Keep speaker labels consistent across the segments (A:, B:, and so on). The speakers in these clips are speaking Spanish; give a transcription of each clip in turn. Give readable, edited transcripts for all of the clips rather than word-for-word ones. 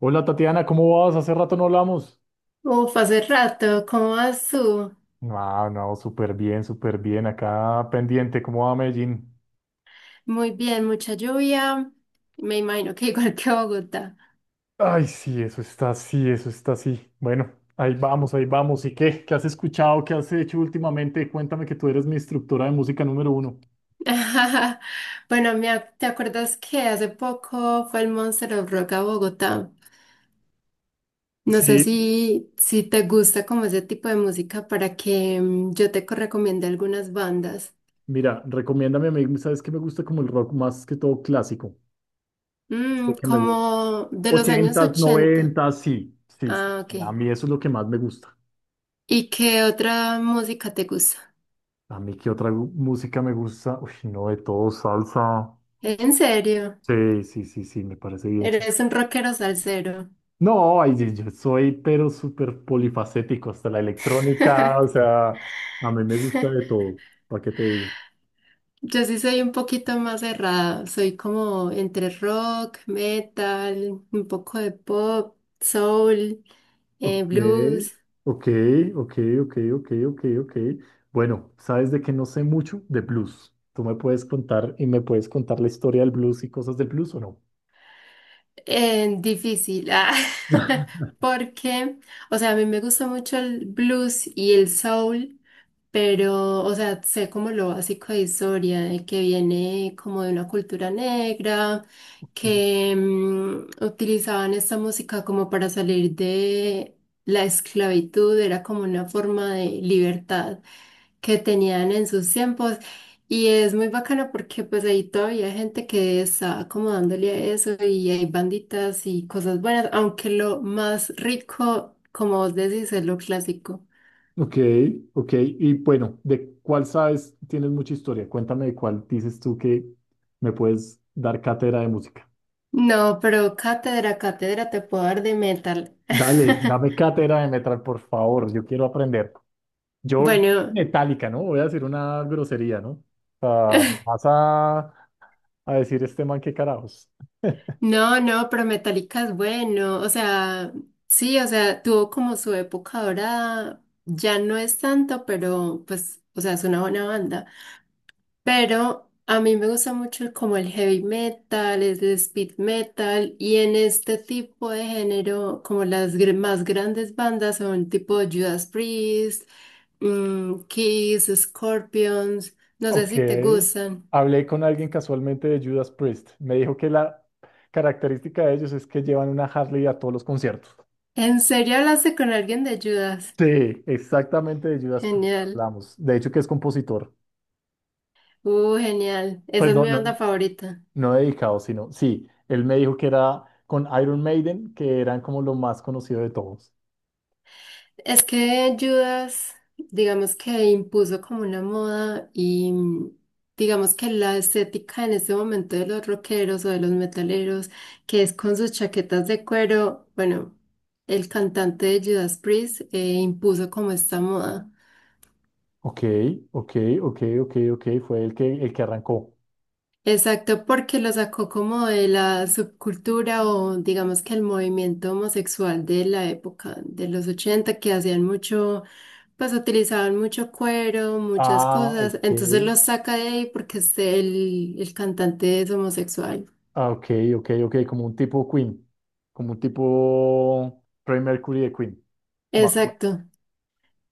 A: Hola Tatiana, ¿cómo vas? Hace rato no hablamos.
B: Uf, hace rato, ¿cómo vas tú?
A: Ah, no, súper bien, súper bien. Acá pendiente, ¿cómo va Medellín?
B: Muy bien, mucha lluvia. Me imagino que igual que Bogotá.
A: Ay, sí, eso está así, eso está así. Bueno, ahí vamos, ahí vamos. ¿Y qué? ¿Qué has escuchado? ¿Qué has hecho últimamente? Cuéntame que tú eres mi instructora de música número uno.
B: Bueno, ¿te acuerdas que hace poco fue el Monster of Rock a Bogotá? No sé
A: Sí.
B: si te gusta como ese tipo de música para que yo te recomiende algunas bandas.
A: Mira, recomiéndame, ¿sabes que me gusta como el rock más que todo clásico? Este que me gusta.
B: Como de los años
A: Ochentas,
B: 80.
A: noventas, sí, sí, sí.
B: Ah,
A: A
B: ok.
A: mí eso es lo que más me gusta.
B: ¿Y qué otra música te gusta?
A: A mí, ¿qué otra música me gusta? Uy, no, de todo, salsa.
B: ¿En serio?
A: Sí, sí, sí, sí, me parece bien.
B: Eres un rockero salsero.
A: No, ay, yo soy pero súper polifacético, hasta la electrónica, o sea, a mí me gusta de todo, ¿para qué te digo?
B: Yo sí soy un poquito más cerrada, soy como entre rock, metal, un poco de pop, soul,
A: Ok,
B: blues.
A: ok, ok, ok, ok, ok, ok. Bueno, ¿sabes de qué no sé mucho? De blues. ¿Tú me puedes contar y me puedes contar la historia del blues y cosas del blues o no?
B: Difícil, porque, o sea, a mí me gusta mucho el blues y el soul, pero, o sea, sé como lo básico de historia, de que viene como de una cultura negra,
A: Ok,
B: que utilizaban esta música como para salir de la esclavitud, era como una forma de libertad que tenían en sus tiempos y es muy bacana porque pues ahí todavía hay gente que está acomodándole a eso y hay banditas y cosas buenas, aunque lo más rico, como vos decís, es lo clásico.
A: ok, ok. Y bueno, ¿de cuál sabes? Tienes mucha historia. Cuéntame de cuál dices tú que me puedes dar cátedra de música.
B: No, pero cátedra, cátedra te puedo dar de metal.
A: Dale, dame cátedra de metal, por favor. Yo quiero aprender. Yo,
B: Bueno,
A: metálica, ¿no? Voy a decir una grosería, ¿no? O vas a, a decir este man qué carajos.
B: no, no, pero Metallica es bueno, o sea, sí, o sea, tuvo como su época dorada ya no es tanto, pero pues, o sea, es una buena banda. Pero a mí me gusta mucho como el heavy metal, el speed metal y en este tipo de género como las más grandes bandas son tipo Judas Priest, Kiss, Scorpions, no sé
A: Ok.
B: si te gustan.
A: Hablé con alguien casualmente de Judas Priest. Me dijo que la característica de ellos es que llevan una Harley a todos los conciertos.
B: ¿En serio hablaste con alguien de Judas?
A: Sí, exactamente de Judas Priest
B: Genial.
A: hablamos. De hecho, que es compositor.
B: Genial. Esa
A: Pues
B: es
A: no,
B: mi
A: no,
B: banda favorita.
A: no dedicado, sino sí. Él me dijo que era con Iron Maiden, que eran como lo más conocido de todos.
B: Es que Judas, digamos que impuso como una moda y digamos que la estética en este momento de los rockeros o de los metaleros, que es con sus chaquetas de cuero, bueno, el cantante de Judas Priest impuso como esta moda.
A: Ok, ok, ok, ok, ok, fue el que arrancó.
B: Exacto, porque lo sacó como de la subcultura o digamos que el movimiento homosexual de la época de los 80 que hacían mucho, pues utilizaban mucho cuero, muchas
A: Ah,
B: cosas,
A: ok.
B: entonces los saca de ahí porque el cantante es homosexual.
A: Ah, ok, ok, ok, como un tipo Queen, como un tipo Freddie Mercury de Queen. Ma- ma-
B: Exacto,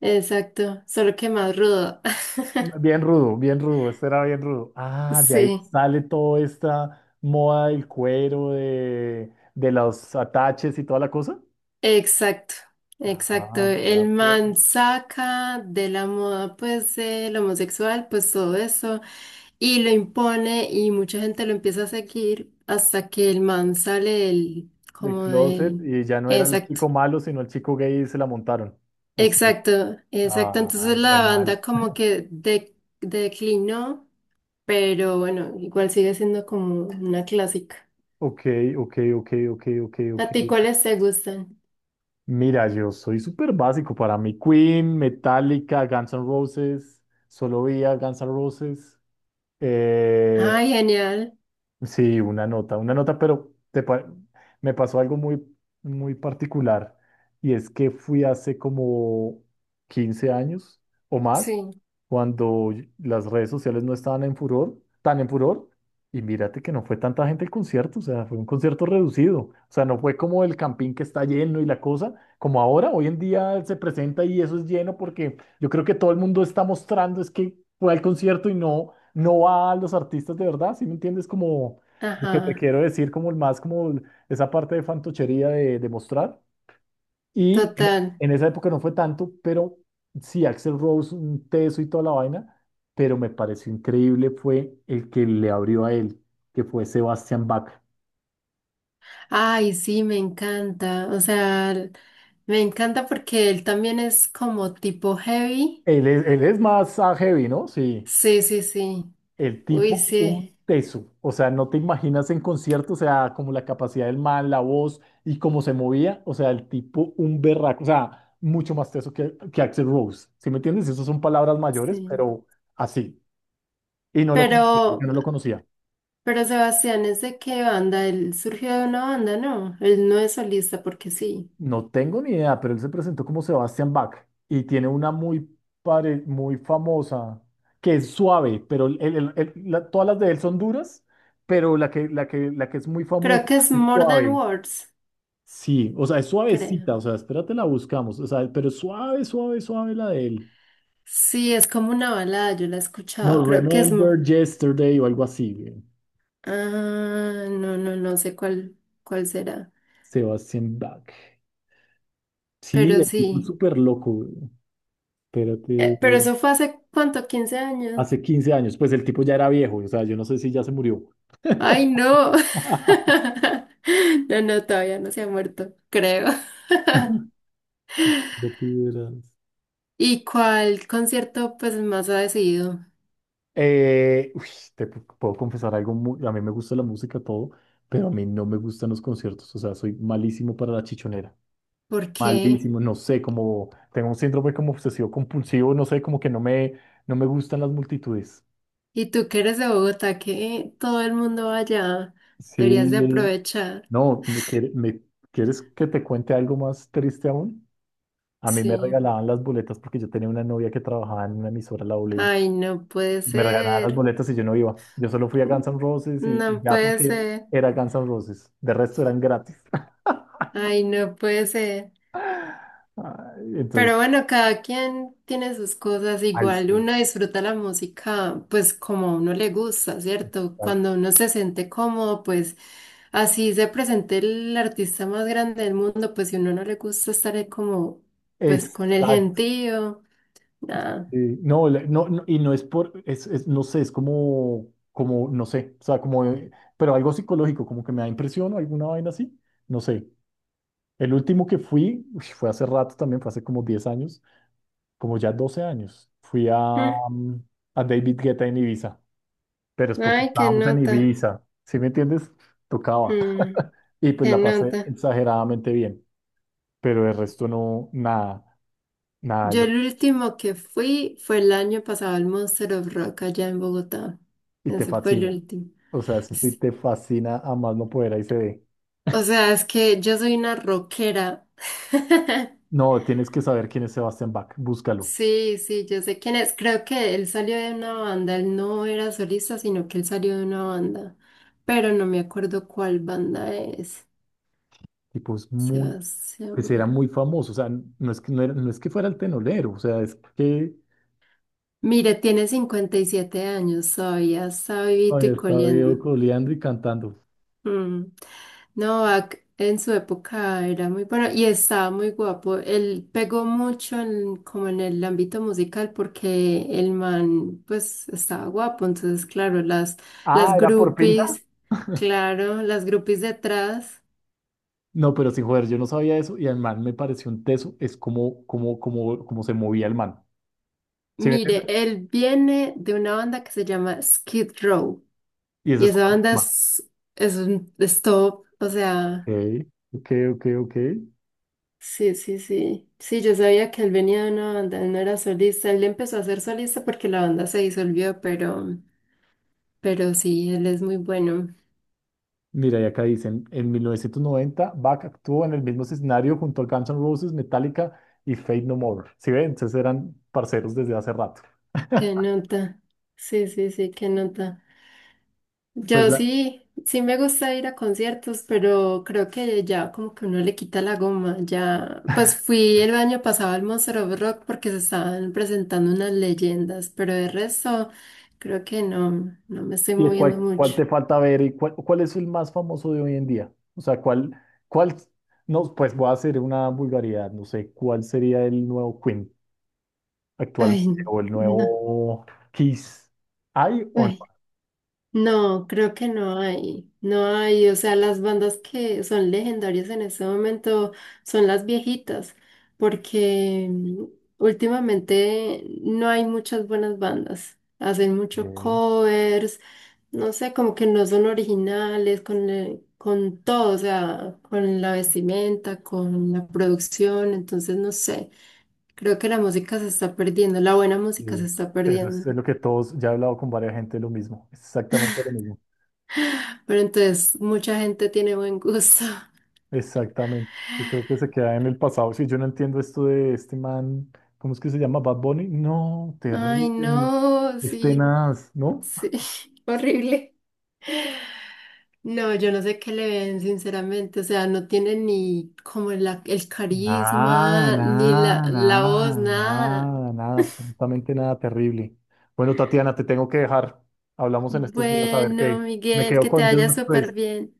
B: exacto, solo que más rudo.
A: Bien rudo, este era bien rudo. Ah, de ahí
B: Sí,
A: sale toda esta moda del cuero, de los ataches y toda la cosa.
B: exacto, exacto.
A: Ah, vea
B: El
A: pues,
B: man saca de la moda, pues, el homosexual, pues todo eso y lo impone y mucha gente lo empieza a seguir hasta que el man sale el
A: de
B: como
A: closet,
B: del,
A: y ya no era el
B: exacto,
A: chico malo, sino el chico gay y se la montaron. Ok.
B: exacto, exacto. Entonces
A: Ay, re
B: la banda
A: mal.
B: como que declinó, pero bueno, igual sigue siendo como una clásica.
A: Ok, ok, ok, ok, ok, ok,
B: ¿A ti
A: ok.
B: cuáles te gustan?
A: Mira, yo soy súper básico para mí. Queen, Metallica, Guns N' Roses, solo veía Guns N' Roses. Eh,
B: Ay, genial.
A: sí, una nota, pero me pasó algo muy, muy particular y es que fui hace como 15 años o más
B: Sí,
A: cuando las redes sociales no estaban en furor, tan en furor, y mírate que no fue tanta gente el concierto, o sea, fue un concierto reducido, o sea, no fue como el campín que está lleno y la cosa, como ahora, hoy en día se presenta y eso es lleno porque yo creo que todo el mundo está mostrando es que fue al concierto y no, no va a los artistas de verdad, ¿sí me entiendes? Como lo que te
B: ajá,
A: quiero decir, como el más, esa parte de fantochería de mostrar. Y en,
B: total.
A: en esa época no fue tanto, pero sí, Axel Rose, un teso y toda la vaina, pero me pareció increíble fue el que le abrió a él, que fue Sebastian Bach.
B: Ay, sí, me encanta. O sea, me encanta porque él también es como tipo heavy.
A: Él es más heavy, ¿no? Sí,
B: Sí, sí, sí.
A: el
B: Uy,
A: tipo,
B: sí,
A: un teso. O sea, no te imaginas en concierto, o sea, como la capacidad del man, la voz y cómo se movía, o sea, el tipo, un berraco, o sea, mucho más teso que Axel Rose. ¿Sí me entiendes? Esas son palabras mayores,
B: sí.
A: pero así. Y no lo conocía,
B: Pero,
A: yo no lo conocía.
B: pero Sebastián, ¿es de qué banda? Él surgió de una banda, ¿no? Él no es solista porque sí.
A: No tengo ni idea, pero él se presentó como Sebastian Bach y tiene una muy, muy famosa que es suave, pero todas las de él son duras, pero la que es muy famosa
B: Creo que es
A: es
B: More Than
A: suave.
B: Words,
A: Sí, o sea, es
B: creo.
A: suavecita, o sea, espérate, la buscamos, o sea, pero es suave, suave, suave la de él.
B: Sí, es como una balada, yo la he escuchado.
A: No,
B: Creo que es... mo-
A: Remember Yesterday o algo así, güey.
B: Ah, no, no, no sé cuál, cuál será.
A: Sebastian Bach. Sí,
B: Pero
A: el tipo es
B: sí.
A: súper loco, güey. Espérate,
B: Pero eso fue hace, ¿cuánto? ¿15 años?
A: hace 15 años, pues el tipo ya era viejo, o sea, yo no sé si ya se murió.
B: Ay, no. No, no, todavía no se ha muerto, creo.
A: Ya te
B: ¿Y cuál concierto pues más ha decidido?
A: Eh, uy, puedo confesar algo, a mí me gusta la música, todo, pero a mí no me gustan los conciertos, o sea, soy malísimo para la chichonera,
B: ¿Por qué?
A: malísimo, no sé, como tengo un síndrome como obsesivo compulsivo, no sé, como que no me, no me gustan las multitudes.
B: Y tú que eres de Bogotá, que todo el mundo va allá,
A: Sí,
B: deberías de aprovechar.
A: no, ¿quieres que te cuente algo más triste aún? A mí me
B: Sí.
A: regalaban las boletas porque yo tenía una novia que trabajaba en una emisora, la W.
B: Ay, no puede
A: Me regalaban las
B: ser.
A: boletas y yo no iba. Yo solo fui a Guns N' Roses y
B: No
A: ya
B: puede
A: porque
B: ser.
A: era Guns N' Roses. De resto eran gratis.
B: Ay, no puede ser.
A: Ay, entonces,
B: Pero bueno, cada quien tiene sus cosas
A: ay,
B: igual.
A: sí,
B: Uno disfruta la música, pues como a uno le gusta, ¿cierto?
A: exacto.
B: Cuando uno se siente cómodo, pues así se presente el artista más grande del mundo, pues si a uno no le gusta estar ahí como, pues con el
A: Exacto.
B: gentío. Nada.
A: Sí. No, no, no, y no es por, no sé, es como, como, no sé, o sea, como, pero algo psicológico, como que me da impresión o alguna vaina así, no sé. El último que fui, uy, fue hace rato también, fue hace como 10 años, como ya 12 años. Fui a,
B: Mm,
A: a David Guetta en Ibiza. Pero es porque
B: ay, qué
A: estábamos en
B: nota.
A: Ibiza, ¿sí me entiendes? Tocaba.
B: Mm,
A: Y pues
B: qué
A: la pasé
B: nota.
A: exageradamente bien, pero el resto no, nada, nada.
B: Yo el último que fui fue el año pasado al Monster of Rock allá en Bogotá.
A: Y te
B: Ese fue el
A: fascina.
B: último.
A: O sea, eso sí
B: S-
A: te fascina a más no poder, ahí se ve.
B: O sea, es que yo soy una rockera.
A: No, tienes que saber quién es Sebastián Bach, búscalo.
B: Sí, sí, yo sé quién es. Creo que él salió de una banda. Él no era solista, sino que él salió de una banda. Pero no me acuerdo cuál banda es.
A: Tipo, es muy, pues era
B: Sebastián.
A: muy famoso, o sea, no es que fuera el tenolero, o sea, es que
B: Mire, tiene 57 años todavía, está vivito
A: había
B: y
A: estado
B: coleando.
A: coleando y cantando.
B: Mm. Novak en su época era muy bueno y estaba muy guapo. Él pegó mucho como en el ámbito musical porque el man pues estaba guapo. Entonces, claro, las,
A: Ah,
B: las
A: era por Pink.
B: groupies, claro, las groupies detrás.
A: No, pero sin joder, yo no sabía eso y al man me pareció un teso, es como, como, como, como se movía el man. ¿Sí me
B: Mire,
A: entiendes?
B: él viene de una banda que se llama Skid Row
A: Y ese
B: y
A: es
B: esa
A: como el
B: banda
A: tema.
B: es un es top, o
A: Ok,
B: sea...
A: ok, ok, ok.
B: Sí, sí, sí. Sí, yo sabía que él venía de una banda, él no era solista. Él empezó a ser solista porque la banda se disolvió, pero sí, él es muy bueno.
A: Mira, y acá dicen, en 1990, Bach actuó en el mismo escenario junto a Guns N' Roses, Metallica y Faith No More. ¿Sí ven? Entonces eran parceros desde hace rato.
B: Qué nota. Sí, sí, sí, qué nota.
A: Pues
B: Yo
A: la-
B: sí, sí me gusta ir a conciertos, pero creo que ya como que uno le quita la goma. Ya, pues fui el año pasado al Monster of Rock porque se estaban presentando unas leyendas, pero de resto creo que no, no me estoy
A: ¿y
B: moviendo
A: cuál, cuál
B: mucho.
A: te falta ver y cuál, cuál es el más famoso de hoy en día? O sea, ¿cuál, cuál, no, pues voy a hacer una vulgaridad, no sé, ¿cuál sería el nuevo Queen
B: Ay,
A: actualmente o el
B: no.
A: nuevo Kiss? ¿Hay o no?
B: Ay. No, creo que no hay, no hay, o sea, las bandas que son legendarias en este momento son las viejitas, porque últimamente no hay muchas buenas bandas, hacen mucho
A: Ok,
B: covers, no sé, como que no son originales con todo, o sea, con la vestimenta, con la producción, entonces no sé, creo que la música se está perdiendo, la buena música se
A: sí.
B: está
A: Eso es
B: perdiendo.
A: lo que todos, ya he hablado con varias gente lo mismo, exactamente lo mismo,
B: Pero entonces, mucha gente tiene buen gusto.
A: exactamente. Yo creo que se queda en el pasado. Si yo no entiendo esto de este man, ¿cómo es que se llama? Bad Bunny. No,
B: Ay,
A: terrible.
B: no,
A: Es
B: sí,
A: tenaz, ¿no?
B: sí, horrible. No, yo no sé qué le ven, sinceramente. O sea, no tiene ni como el
A: Nada,
B: carisma, ni la,
A: nada,
B: la voz,
A: nada, nada,
B: nada.
A: nada, nada, absolutamente nada, terrible. Bueno, Tatiana, te tengo que dejar. Hablamos en estos días a ver
B: Bueno,
A: qué. Me
B: Miguel,
A: quedo
B: que te
A: con
B: vaya súper
A: Judas
B: bien.